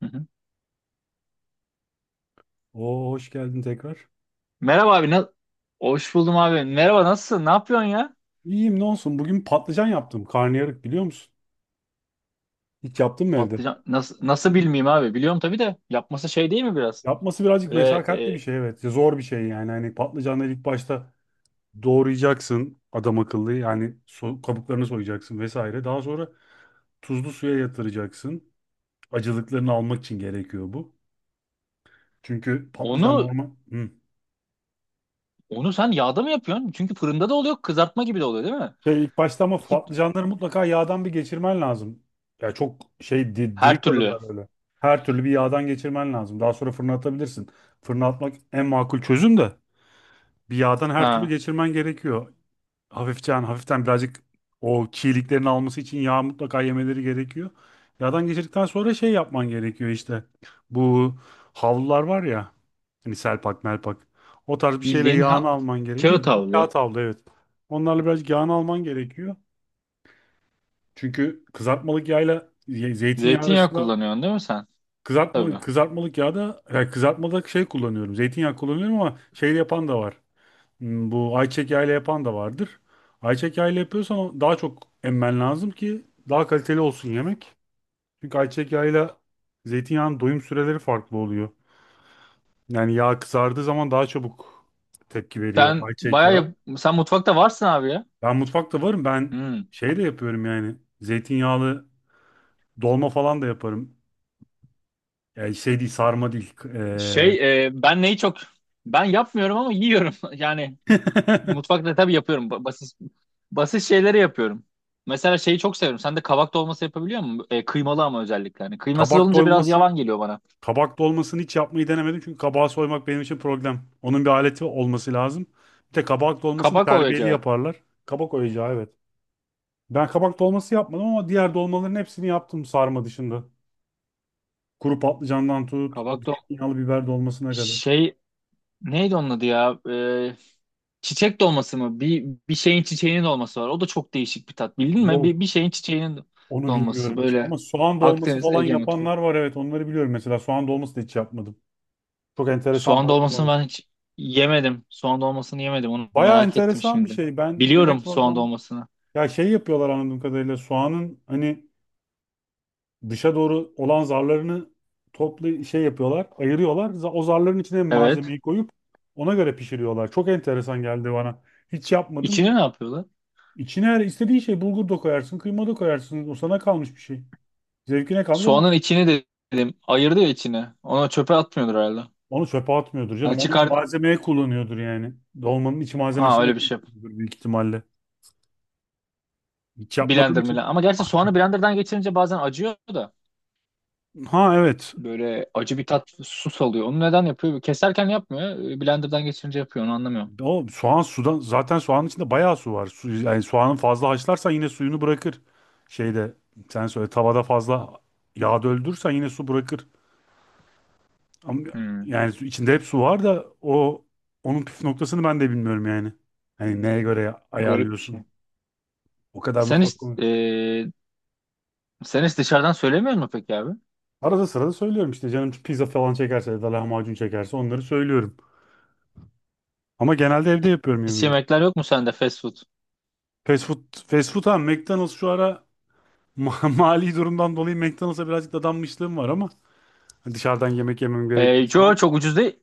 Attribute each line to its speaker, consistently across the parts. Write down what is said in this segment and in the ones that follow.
Speaker 1: Hı hı.
Speaker 2: Oo, hoş geldin tekrar.
Speaker 1: Merhaba abi. Hoş buldum abi. Merhaba nasılsın? Ne yapıyorsun ya?
Speaker 2: İyiyim ne olsun. Bugün patlıcan yaptım. Karnıyarık biliyor musun? Hiç yaptın mı evde?
Speaker 1: Patlıcan nasıl nasıl bilmeyeyim abi? Biliyorum tabii de yapması şey değil mi biraz?
Speaker 2: Yapması birazcık
Speaker 1: Böyle
Speaker 2: meşakkatli bir
Speaker 1: e,
Speaker 2: şey, evet. Zor bir şey yani. Hani patlıcanları ilk başta doğrayacaksın adam akıllı. Yani kabuklarını soyacaksın vesaire. Daha sonra tuzlu suya yatıracaksın. Acılıklarını almak için gerekiyor bu. Çünkü patlıcan
Speaker 1: onu
Speaker 2: normal... Hı.
Speaker 1: onu sen yağda mı yapıyorsun? Çünkü fırında da oluyor, kızartma gibi de oluyor değil mi?
Speaker 2: Şey, ilk başta ama
Speaker 1: İki,
Speaker 2: patlıcanları mutlaka yağdan bir geçirmen lazım. Ya çok şey
Speaker 1: her
Speaker 2: diri
Speaker 1: türlü.
Speaker 2: kalırlar öyle. Her türlü bir yağdan geçirmen lazım. Daha sonra fırına atabilirsin. Fırına atmak en makul çözüm de bir yağdan her türlü
Speaker 1: Ha,
Speaker 2: geçirmen gerekiyor. Hafiften hafiften birazcık o çiğliklerini alması için yağ mutlaka yemeleri gerekiyor. Yağdan geçirdikten sonra şey yapman gerekiyor işte. Bu havlular var ya, hani selpak melpak. O tarz bir şeyle
Speaker 1: bildiğin ha,
Speaker 2: yağını alman gerekiyor.
Speaker 1: kağıt
Speaker 2: Bildiğin
Speaker 1: havlu.
Speaker 2: kağıt havlu, evet. Onlarla birazcık yağını alman gerekiyor. Çünkü kızartmalık yağla zeytinyağı
Speaker 1: Zeytinyağı
Speaker 2: arasında
Speaker 1: kullanıyorsun değil mi sen? Tabii.
Speaker 2: kızartmalık yağda, yani kızartmada şey kullanıyorum. Zeytinyağı kullanıyorum ama şey yapan da var. Bu ayçiçek yağıyla yapan da vardır. Ayçiçek yağıyla yapıyorsan o daha çok emmen lazım ki daha kaliteli olsun yemek. Çünkü ayçiçek yağıyla zeytinyağının doyum süreleri farklı oluyor. Yani yağ kızardığı zaman daha çabuk tepki veriyor
Speaker 1: Sen
Speaker 2: ayçiçek
Speaker 1: bayağı
Speaker 2: yağı.
Speaker 1: yap- sen mutfakta varsın abi ya.
Speaker 2: Ben mutfakta varım. Ben
Speaker 1: Hmm.
Speaker 2: şey de yapıyorum yani. Zeytinyağlı dolma falan da yaparım. Yani şey değil, sarma değil.
Speaker 1: Ben neyi çok ben yapmıyorum ama yiyorum. Yani mutfakta tabii yapıyorum. Basit basit şeyleri yapıyorum. Mesela şeyi çok severim. Sen de kabak dolması yapabiliyor musun? Kıymalı ama özellikle. Hani kıymasız
Speaker 2: Kabak
Speaker 1: olunca biraz
Speaker 2: dolması.
Speaker 1: yavan geliyor bana.
Speaker 2: Kabak dolmasını hiç yapmayı denemedim çünkü kabağı soymak benim için problem. Onun bir aleti olması lazım. Bir de kabak dolmasını
Speaker 1: Kabak
Speaker 2: terbiyeli
Speaker 1: oyacağı.
Speaker 2: yaparlar. Kabak oyacağı, evet. Ben kabak dolması yapmadım ama diğer dolmaların hepsini yaptım, sarma dışında. Kuru patlıcandan tut,
Speaker 1: Kabak dol
Speaker 2: zeytinyağlı biber dolmasına kadar.
Speaker 1: şey Neydi onun adı ya? Çiçek dolması mı? Bir şeyin çiçeğinin dolması var. O da çok değişik bir tat. Bildin mi? Bir
Speaker 2: Yok,
Speaker 1: şeyin çiçeğinin
Speaker 2: onu
Speaker 1: dolması
Speaker 2: bilmiyorum hiç.
Speaker 1: böyle
Speaker 2: Ama soğan dolması
Speaker 1: Akdeniz
Speaker 2: falan
Speaker 1: Ege mutfağı.
Speaker 2: yapanlar var, evet, onları biliyorum. Mesela soğan dolması da hiç yapmadım. Çok enteresan
Speaker 1: Soğan dolmasını
Speaker 2: dolmalar.
Speaker 1: ben hiç yemedim. Soğan dolmasını yemedim. Onu
Speaker 2: Bayağı
Speaker 1: merak ettim
Speaker 2: enteresan bir
Speaker 1: şimdi.
Speaker 2: şey. Ben yemek
Speaker 1: Biliyorum soğan
Speaker 2: programı,
Speaker 1: dolmasını.
Speaker 2: ya şey yapıyorlar anladığım kadarıyla, soğanın hani dışa doğru olan zarlarını toplu şey yapıyorlar, ayırıyorlar. O zarların içine
Speaker 1: Evet.
Speaker 2: malzemeyi koyup ona göre pişiriyorlar. Çok enteresan geldi bana. Hiç yapmadım.
Speaker 1: İçini ne yapıyorlar?
Speaker 2: İçine her istediğin şey, bulgur da koyarsın, kıyma da koyarsın. O sana kalmış bir şey. Zevkine kalmış ama
Speaker 1: Soğanın içini de dedim. Ayırdı ya içini. Onu çöpe atmıyordur herhalde.
Speaker 2: onu çöpe atmıyordur canım.
Speaker 1: Hani
Speaker 2: Onu
Speaker 1: çıkar.
Speaker 2: malzemeye kullanıyordur yani. Dolmanın iç
Speaker 1: Ha,
Speaker 2: malzemesine
Speaker 1: öyle bir şey.
Speaker 2: kullanıyordur büyük ihtimalle. Hiç yapmadığım
Speaker 1: Blender mi?
Speaker 2: için.
Speaker 1: Ama gerçi soğanı blenderdan geçirince bazen acıyor da.
Speaker 2: Ha, evet.
Speaker 1: Böyle acı bir tat su salıyor. Onu neden yapıyor? Keserken yapmıyor. Blenderdan geçirince yapıyor. Onu anlamıyorum.
Speaker 2: O soğan sudan, zaten soğanın içinde bayağı su var. Su, yani soğanın fazla haşlarsan yine suyunu bırakır. Şeyde, sen söyle, tavada fazla yağ döldürürsen yine su bırakır. Ama
Speaker 1: Hmm.
Speaker 2: yani içinde hep su var da o onun püf noktasını ben de bilmiyorum yani. Hani neye göre
Speaker 1: O garip bir şey.
Speaker 2: ayarlıyorsun? O kadar
Speaker 1: Sen
Speaker 2: mutfak
Speaker 1: hiç,
Speaker 2: konu.
Speaker 1: e, sen hiç dışarıdan söylemiyor musun peki abi?
Speaker 2: Arada sırada söylüyorum işte canım, pizza falan çekerse ya da lahmacun çekerse onları söylüyorum. Ama genelde evde yapıyorum
Speaker 1: Hiç
Speaker 2: yemeği.
Speaker 1: yemekler yok mu sende fast food?
Speaker 2: Fast food ha, McDonald's şu ara mali durumdan dolayı McDonald's'a birazcık dadanmışlığım var ama hani dışarıdan yemek yemem gerektiği
Speaker 1: Ee, Yo,
Speaker 2: zaman.
Speaker 1: çok ucuz değil.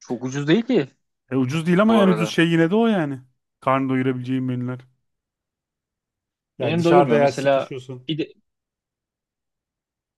Speaker 1: Çok ucuz değil ki
Speaker 2: E, ucuz değil ama
Speaker 1: bu
Speaker 2: en ucuz
Speaker 1: arada.
Speaker 2: şey yine de o yani. Karnı doyurabileceğin menüler. Yani
Speaker 1: Benim
Speaker 2: dışarıda
Speaker 1: doyurmuyor.
Speaker 2: yer
Speaker 1: Mesela
Speaker 2: sıkışıyorsun.
Speaker 1: pide,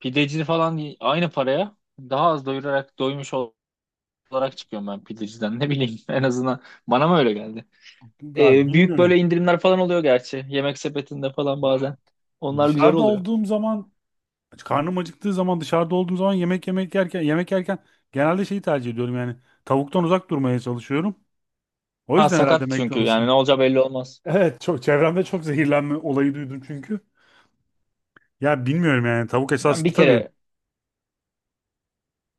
Speaker 1: pideci falan aynı paraya daha az doyurarak doymuş olarak çıkıyorum ben pideciden. Ne bileyim, en azından bana mı öyle geldi?
Speaker 2: Ya
Speaker 1: Büyük
Speaker 2: bilmiyorum.
Speaker 1: böyle indirimler falan oluyor gerçi. Yemek sepetinde falan
Speaker 2: Ya
Speaker 1: bazen. Onlar güzel
Speaker 2: dışarıda
Speaker 1: oluyor.
Speaker 2: olduğum zaman, karnım acıktığı zaman, dışarıda olduğum zaman, yemek yerken genelde şeyi tercih ediyorum yani, tavuktan uzak durmaya çalışıyorum. O
Speaker 1: Ha,
Speaker 2: yüzden herhalde
Speaker 1: sakat çünkü yani
Speaker 2: McDonald's'ı.
Speaker 1: ne olacağı belli olmaz.
Speaker 2: Evet, çok çevremde çok zehirlenme olayı duydum çünkü. Ya bilmiyorum yani, tavuk
Speaker 1: Ben
Speaker 2: esaslı
Speaker 1: bir
Speaker 2: tabii.
Speaker 1: kere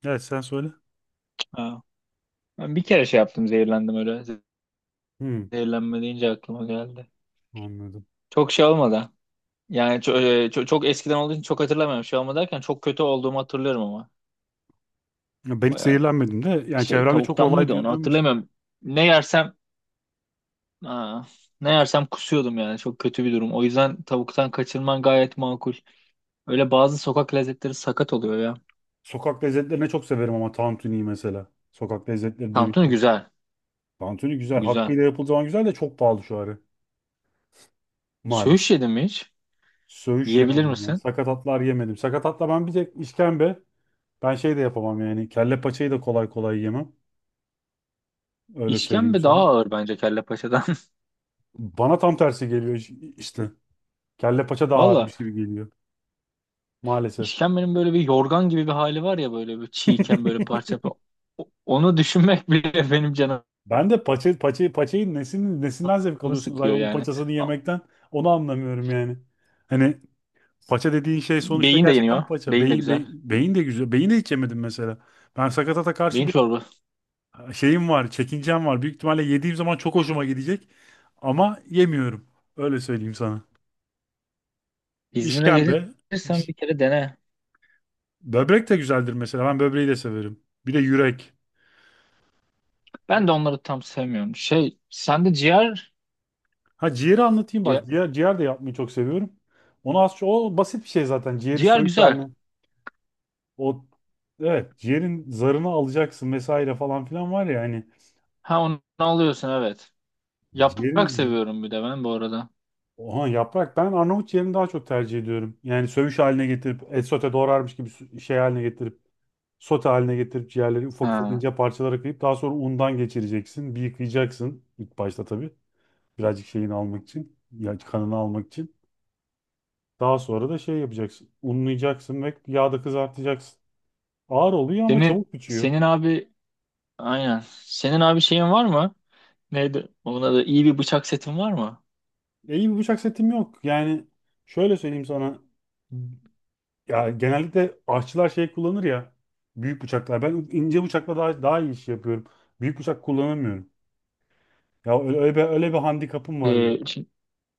Speaker 2: Evet, sen söyle.
Speaker 1: ha, ben bir kere şey yaptım, zehirlendim öyle.
Speaker 2: Hmm,
Speaker 1: Zehirlenme deyince aklıma geldi.
Speaker 2: anladım.
Speaker 1: Çok şey olmadı. Yani çok, çok, çok eskiden olduğu için çok hatırlamıyorum. Şey olma derken çok kötü olduğumu hatırlıyorum ama.
Speaker 2: Ya, ben hiç
Speaker 1: Baya
Speaker 2: zehirlenmedim de yani
Speaker 1: şey
Speaker 2: çevremde çok
Speaker 1: tavuktan
Speaker 2: olay
Speaker 1: mıydı onu
Speaker 2: duyduğum için.
Speaker 1: hatırlamıyorum. Ne yersem aa, ne yersem kusuyordum yani. Çok kötü bir durum. O yüzden tavuktan kaçınman gayet makul. Öyle bazı sokak lezzetleri sakat oluyor ya.
Speaker 2: Sokak lezzetlerini çok severim ama tantuniyi mesela. Sokak lezzetleri
Speaker 1: Tantuni
Speaker 2: demişken.
Speaker 1: güzel.
Speaker 2: Tantuni güzel.
Speaker 1: Güzel.
Speaker 2: Hakkıyla yapıldığı zaman güzel de çok pahalı şu ara.
Speaker 1: Söğüş
Speaker 2: Maalesef.
Speaker 1: yedin mi hiç?
Speaker 2: Söğüş
Speaker 1: Yiyebilir
Speaker 2: yemedim ya.
Speaker 1: misin?
Speaker 2: Sakatatlar yemedim. Sakatatla ben bir tek işkembe. Ben şey de yapamam yani. Kelle paçayı da kolay kolay yemem. Öyle söyleyeyim
Speaker 1: İşkembe daha
Speaker 2: sana.
Speaker 1: ağır bence kelle paçadan.
Speaker 2: Bana tam tersi geliyor, işte. Kelle paça daha
Speaker 1: Valla
Speaker 2: ağırmış gibi geliyor. Maalesef.
Speaker 1: işkembenin böyle bir yorgan gibi bir hali var ya, böyle bir çiğken böyle parça. parça. Onu düşünmek bile benim canım
Speaker 2: Ben de paçayı, nesin nesinden zevk
Speaker 1: canımı
Speaker 2: alıyorsunuz
Speaker 1: sıkıyor
Speaker 2: hayvanın
Speaker 1: yani.
Speaker 2: paçasını
Speaker 1: A-
Speaker 2: yemekten? Onu anlamıyorum yani. Hani paça dediğin şey sonuçta
Speaker 1: Beyin de yeniyor.
Speaker 2: gerçekten paça.
Speaker 1: Beyin de güzel.
Speaker 2: Beyin de güzel. Beyin de hiç yemedim mesela. Ben sakatata karşı
Speaker 1: Beyin
Speaker 2: bir
Speaker 1: çorba.
Speaker 2: şeyim var, çekincem var. Büyük ihtimalle yediğim zaman çok hoşuma gidecek. Ama yemiyorum. Öyle söyleyeyim sana.
Speaker 1: İzmir'e
Speaker 2: İşkembe.
Speaker 1: gelirsen
Speaker 2: c-
Speaker 1: bir kere dene.
Speaker 2: Böbrek de güzeldir mesela. Ben böbreği de severim. Bir de yürek.
Speaker 1: Ben de onları tam sevmiyorum. Şey, sende ciğer,
Speaker 2: Ha, ciğeri anlatayım
Speaker 1: ciğer,
Speaker 2: bak. Ciğer de yapmayı çok seviyorum. Onu az çok, o basit bir şey zaten. Ciğeri söğüt
Speaker 1: güzel.
Speaker 2: haline. O, evet, ciğerin zarını alacaksın vesaire falan filan, var ya hani,
Speaker 1: Ha, onu alıyorsun evet. Yaprak
Speaker 2: ciğerin.
Speaker 1: seviyorum bir de ben bu arada.
Speaker 2: Oha, yaprak ben Arnavut yerini daha çok tercih ediyorum. Yani sövüş haline getirip et sote doğrarmış gibi şey haline getirip, sote haline getirip ciğerleri ufak ufak
Speaker 1: Ha.
Speaker 2: ince parçalara kıyıp daha sonra undan geçireceksin. Bir yıkayacaksın ilk başta tabii. Birazcık şeyini almak için. Ya, kanını almak için. Daha sonra da şey yapacaksın. Unlayacaksın ve yağda kızartacaksın. Ağır oluyor ama
Speaker 1: Senin
Speaker 2: çabuk bitiyor.
Speaker 1: senin abi aynen. Senin abi şeyin var mı? Neydi? Ona da iyi bir bıçak setin var mı?
Speaker 2: E, iyi bir bıçak setim yok. Yani şöyle söyleyeyim sana. Ya genellikle aşçılar şey kullanır ya, büyük bıçaklar. Ben ince bıçakla daha iyi iş yapıyorum. Büyük bıçak kullanamıyorum. Ya, öyle bir handikapım var benim.
Speaker 1: Şimdi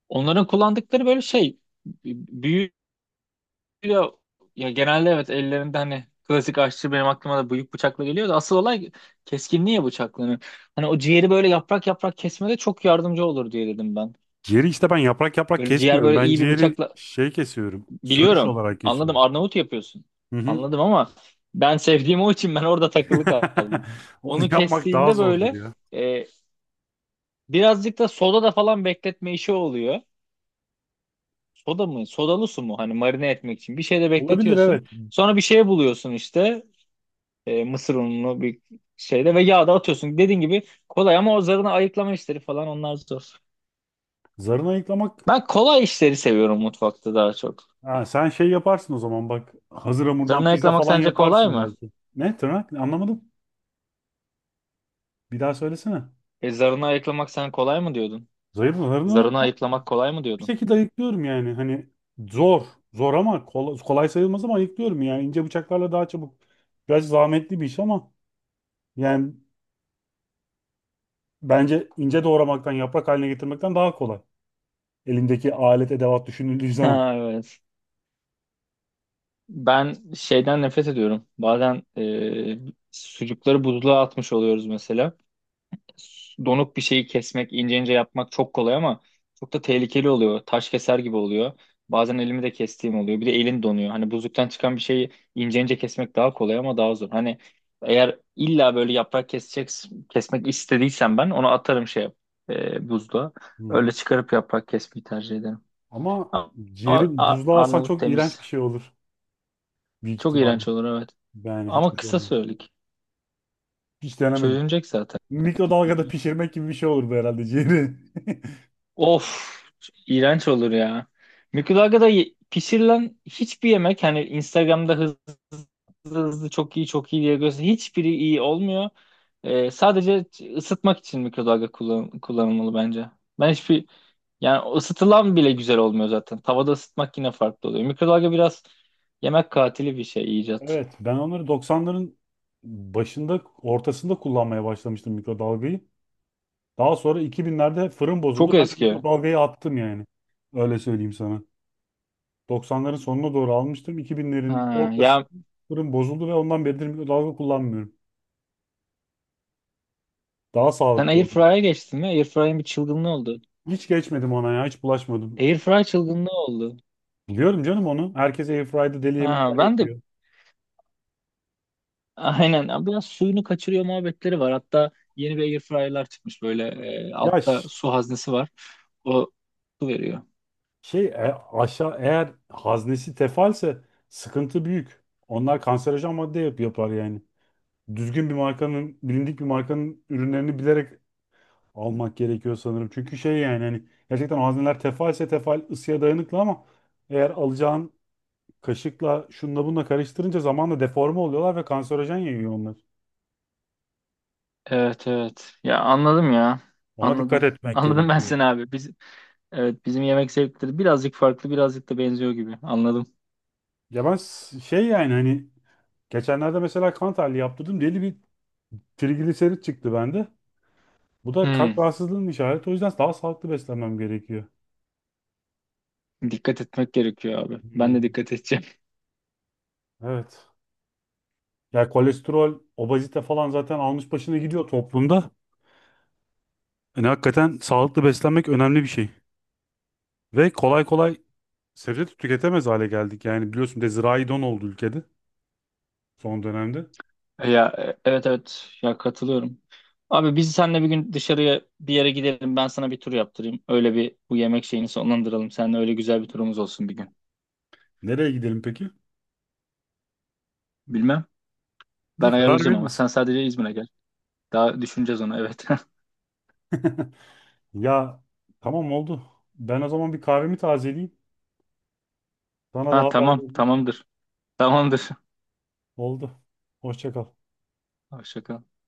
Speaker 1: onların kullandıkları böyle şey büyük. Ya, ya, genelde evet ellerinde hani klasik aşçı benim aklıma da büyük bıçakla geliyor da asıl olay keskinliği ya bıçakların. Hani o ciğeri böyle yaprak yaprak kesmede çok yardımcı olur diye dedim ben.
Speaker 2: Ciğeri işte ben yaprak yaprak
Speaker 1: Böyle ciğer
Speaker 2: kesmiyorum.
Speaker 1: böyle
Speaker 2: Ben
Speaker 1: iyi bir
Speaker 2: ciğeri
Speaker 1: bıçakla
Speaker 2: şey kesiyorum, söğüş
Speaker 1: biliyorum.
Speaker 2: olarak
Speaker 1: Anladım,
Speaker 2: kesiyorum.
Speaker 1: Arnavut yapıyorsun.
Speaker 2: Hı hı.
Speaker 1: Anladım ama ben sevdiğim o için ben orada takılı kaldım.
Speaker 2: Onu
Speaker 1: Onu
Speaker 2: yapmak daha
Speaker 1: kestiğinde
Speaker 2: zordur
Speaker 1: böyle
Speaker 2: ya.
Speaker 1: e, birazcık da soda da falan bekletme işi oluyor. Soda mı? Sodalı su mu? Hani marine etmek için. Bir şeyde
Speaker 2: Olabilir,
Speaker 1: bekletiyorsun.
Speaker 2: evet.
Speaker 1: Sonra bir şey buluyorsun işte. Mısır ununu bir şeyde ve yağda atıyorsun. Dediğin gibi kolay ama o zarına ayıklama işleri falan onlar zor.
Speaker 2: Zarını ayıklamak.
Speaker 1: Ben kolay işleri seviyorum mutfakta daha çok.
Speaker 2: Ha, sen şey yaparsın o zaman bak. Hazır hamurdan
Speaker 1: Zarını
Speaker 2: pizza
Speaker 1: ayıklamak
Speaker 2: falan
Speaker 1: sence kolay
Speaker 2: yaparsın
Speaker 1: mı?
Speaker 2: belki. Ne tırnak? Anlamadım. Bir daha söylesene.
Speaker 1: Zarını ayıklamak sen kolay mı diyordun?
Speaker 2: Zayıf zarını.
Speaker 1: Zarını ayıklamak kolay mı
Speaker 2: Bir
Speaker 1: diyordun?
Speaker 2: şekilde ayıklıyorum yani. Hani, zor. Zor ama kolay sayılmaz ama ayıklıyorum yani. İnce bıçaklarla daha çabuk. Biraz zahmetli bir iş ama yani bence ince doğramaktan, yaprak haline getirmekten daha kolay. Elindeki alet edevat düşünüldüğü zaman.
Speaker 1: Ha, evet. Ben şeyden nefret ediyorum. Bazen sucukları buzluğa atmış oluyoruz mesela. Donuk bir şeyi kesmek, ince ince yapmak çok kolay ama çok da tehlikeli oluyor. Taş keser gibi oluyor. Bazen elimi de kestiğim oluyor. Bir de elin donuyor. Hani buzluktan çıkan bir şeyi ince ince kesmek daha kolay ama daha zor. Hani eğer illa böyle yaprak kesecek, kesmek istediysem ben onu atarım buzluğa.
Speaker 2: Hı hı.
Speaker 1: Öyle çıkarıp yaprak kesmeyi tercih ederim.
Speaker 2: Ama
Speaker 1: Ama ama
Speaker 2: ciğeri buzluğa alsan
Speaker 1: Arnavut
Speaker 2: çok iğrenç
Speaker 1: temiz.
Speaker 2: bir şey olur. Büyük
Speaker 1: Çok
Speaker 2: ihtimalle.
Speaker 1: iğrenç olur, evet.
Speaker 2: Yani hiç
Speaker 1: Ama
Speaker 2: hoş
Speaker 1: kısa
Speaker 2: olmaz.
Speaker 1: söyledik.
Speaker 2: Hiç denemedim.
Speaker 1: Çözülecek zaten.
Speaker 2: Mikrodalgada pişirmek gibi bir şey olur bu herhalde, ciğeri.
Speaker 1: Of, iğrenç olur ya. Mikrodalgada pişirilen hiçbir yemek, hani Instagram'da hızlı hızlı, hızlı çok iyi çok iyi diye göster, hiçbiri iyi olmuyor. Sadece ısıtmak için mikrodalga kullanılmalı bence. Ben hiçbir, yani ısıtılan bile güzel olmuyor zaten. Tavada ısıtmak yine farklı oluyor. Mikrodalga biraz yemek katili bir şey icat.
Speaker 2: Evet, ben onları doksanların başında, ortasında kullanmaya başlamıştım, mikrodalgayı. Daha sonra 2000'lerde fırın bozuldu.
Speaker 1: Çok
Speaker 2: Ben de
Speaker 1: eski.
Speaker 2: mikrodalgayı attım yani. Öyle söyleyeyim sana. 90'ların sonuna doğru almıştım. 2000'lerin
Speaker 1: Ha, ya
Speaker 2: ortasında fırın bozuldu ve ondan beridir mikrodalga kullanmıyorum. Daha
Speaker 1: sen
Speaker 2: sağlıklı oldu.
Speaker 1: Airfryer'a geçtin mi? Airfryer'in bir çılgınlığı oldu.
Speaker 2: Hiç geçmedim ona ya. Hiç bulaşmadım.
Speaker 1: Airfryer çılgınlığı oldu.
Speaker 2: Biliyorum canım onu. Herkes airfryer'da deli
Speaker 1: Ha,
Speaker 2: yemekler
Speaker 1: ben de.
Speaker 2: yapıyor.
Speaker 1: Aynen. Ya, biraz suyunu kaçırıyor muhabbetleri var. Hatta yeni bir air fryer'lar çıkmış böyle
Speaker 2: Ya
Speaker 1: altta su haznesi var. O su veriyor.
Speaker 2: şey, aşağı eğer haznesi tefalse sıkıntı büyük. Onlar kanserojen madde yapar yani. Düzgün bir markanın, bilindik bir markanın ürünlerini bilerek almak gerekiyor sanırım. Çünkü şey yani hani gerçekten malzemeler tefal ısıya dayanıklı ama eğer alacağın kaşıkla şunla bunla karıştırınca zamanla deforme oluyorlar ve kanserojen yayıyor onlar.
Speaker 1: Evet, evet. Ya, anladım ya.
Speaker 2: Ona dikkat
Speaker 1: Anladım.
Speaker 2: etmek
Speaker 1: Anladım ben
Speaker 2: gerekiyor.
Speaker 1: seni abi. Biz, evet bizim yemek zevkleri birazcık farklı, birazcık da benziyor gibi. Anladım.
Speaker 2: Ya ben şey yani hani geçenlerde mesela kan tahlili yaptırdım. Deli bir trigliserit çıktı bende. Bu da kalp
Speaker 1: Hmm.
Speaker 2: rahatsızlığının işareti. O yüzden daha sağlıklı beslenmem gerekiyor.
Speaker 1: Dikkat etmek gerekiyor abi. Ben de
Speaker 2: Hmm,
Speaker 1: dikkat edeceğim.
Speaker 2: evet. Ya kolesterol, obezite falan zaten almış başını gidiyor toplumda. Yani hakikaten sağlıklı beslenmek önemli bir şey. Ve kolay kolay sebze de tüketemez hale geldik. Yani biliyorsun, bir de zirai don oldu ülkede son dönemde.
Speaker 1: Ya, evet, evet. Ya, katılıyorum. Abi biz seninle bir gün dışarıya bir yere gidelim. Ben sana bir tur yaptırayım. Öyle bir bu yemek şeyini sonlandıralım. Seninle öyle güzel bir turumuz olsun bir gün.
Speaker 2: Nereye gidelim peki?
Speaker 1: Bilmem. Ben
Speaker 2: İyi karar
Speaker 1: ayarlayacağım ama
Speaker 2: veririz.
Speaker 1: sen sadece İzmir'e gel. Daha düşüneceğiz onu, evet.
Speaker 2: Ya, tamam oldu. Ben o zaman bir kahvemi tazeleyeyim. Sana da
Speaker 1: Ha,
Speaker 2: haber
Speaker 1: tamam
Speaker 2: vereyim.
Speaker 1: tamamdır. Tamamdır.
Speaker 2: Oldu. Hoşça kal.
Speaker 1: Hoşça kal.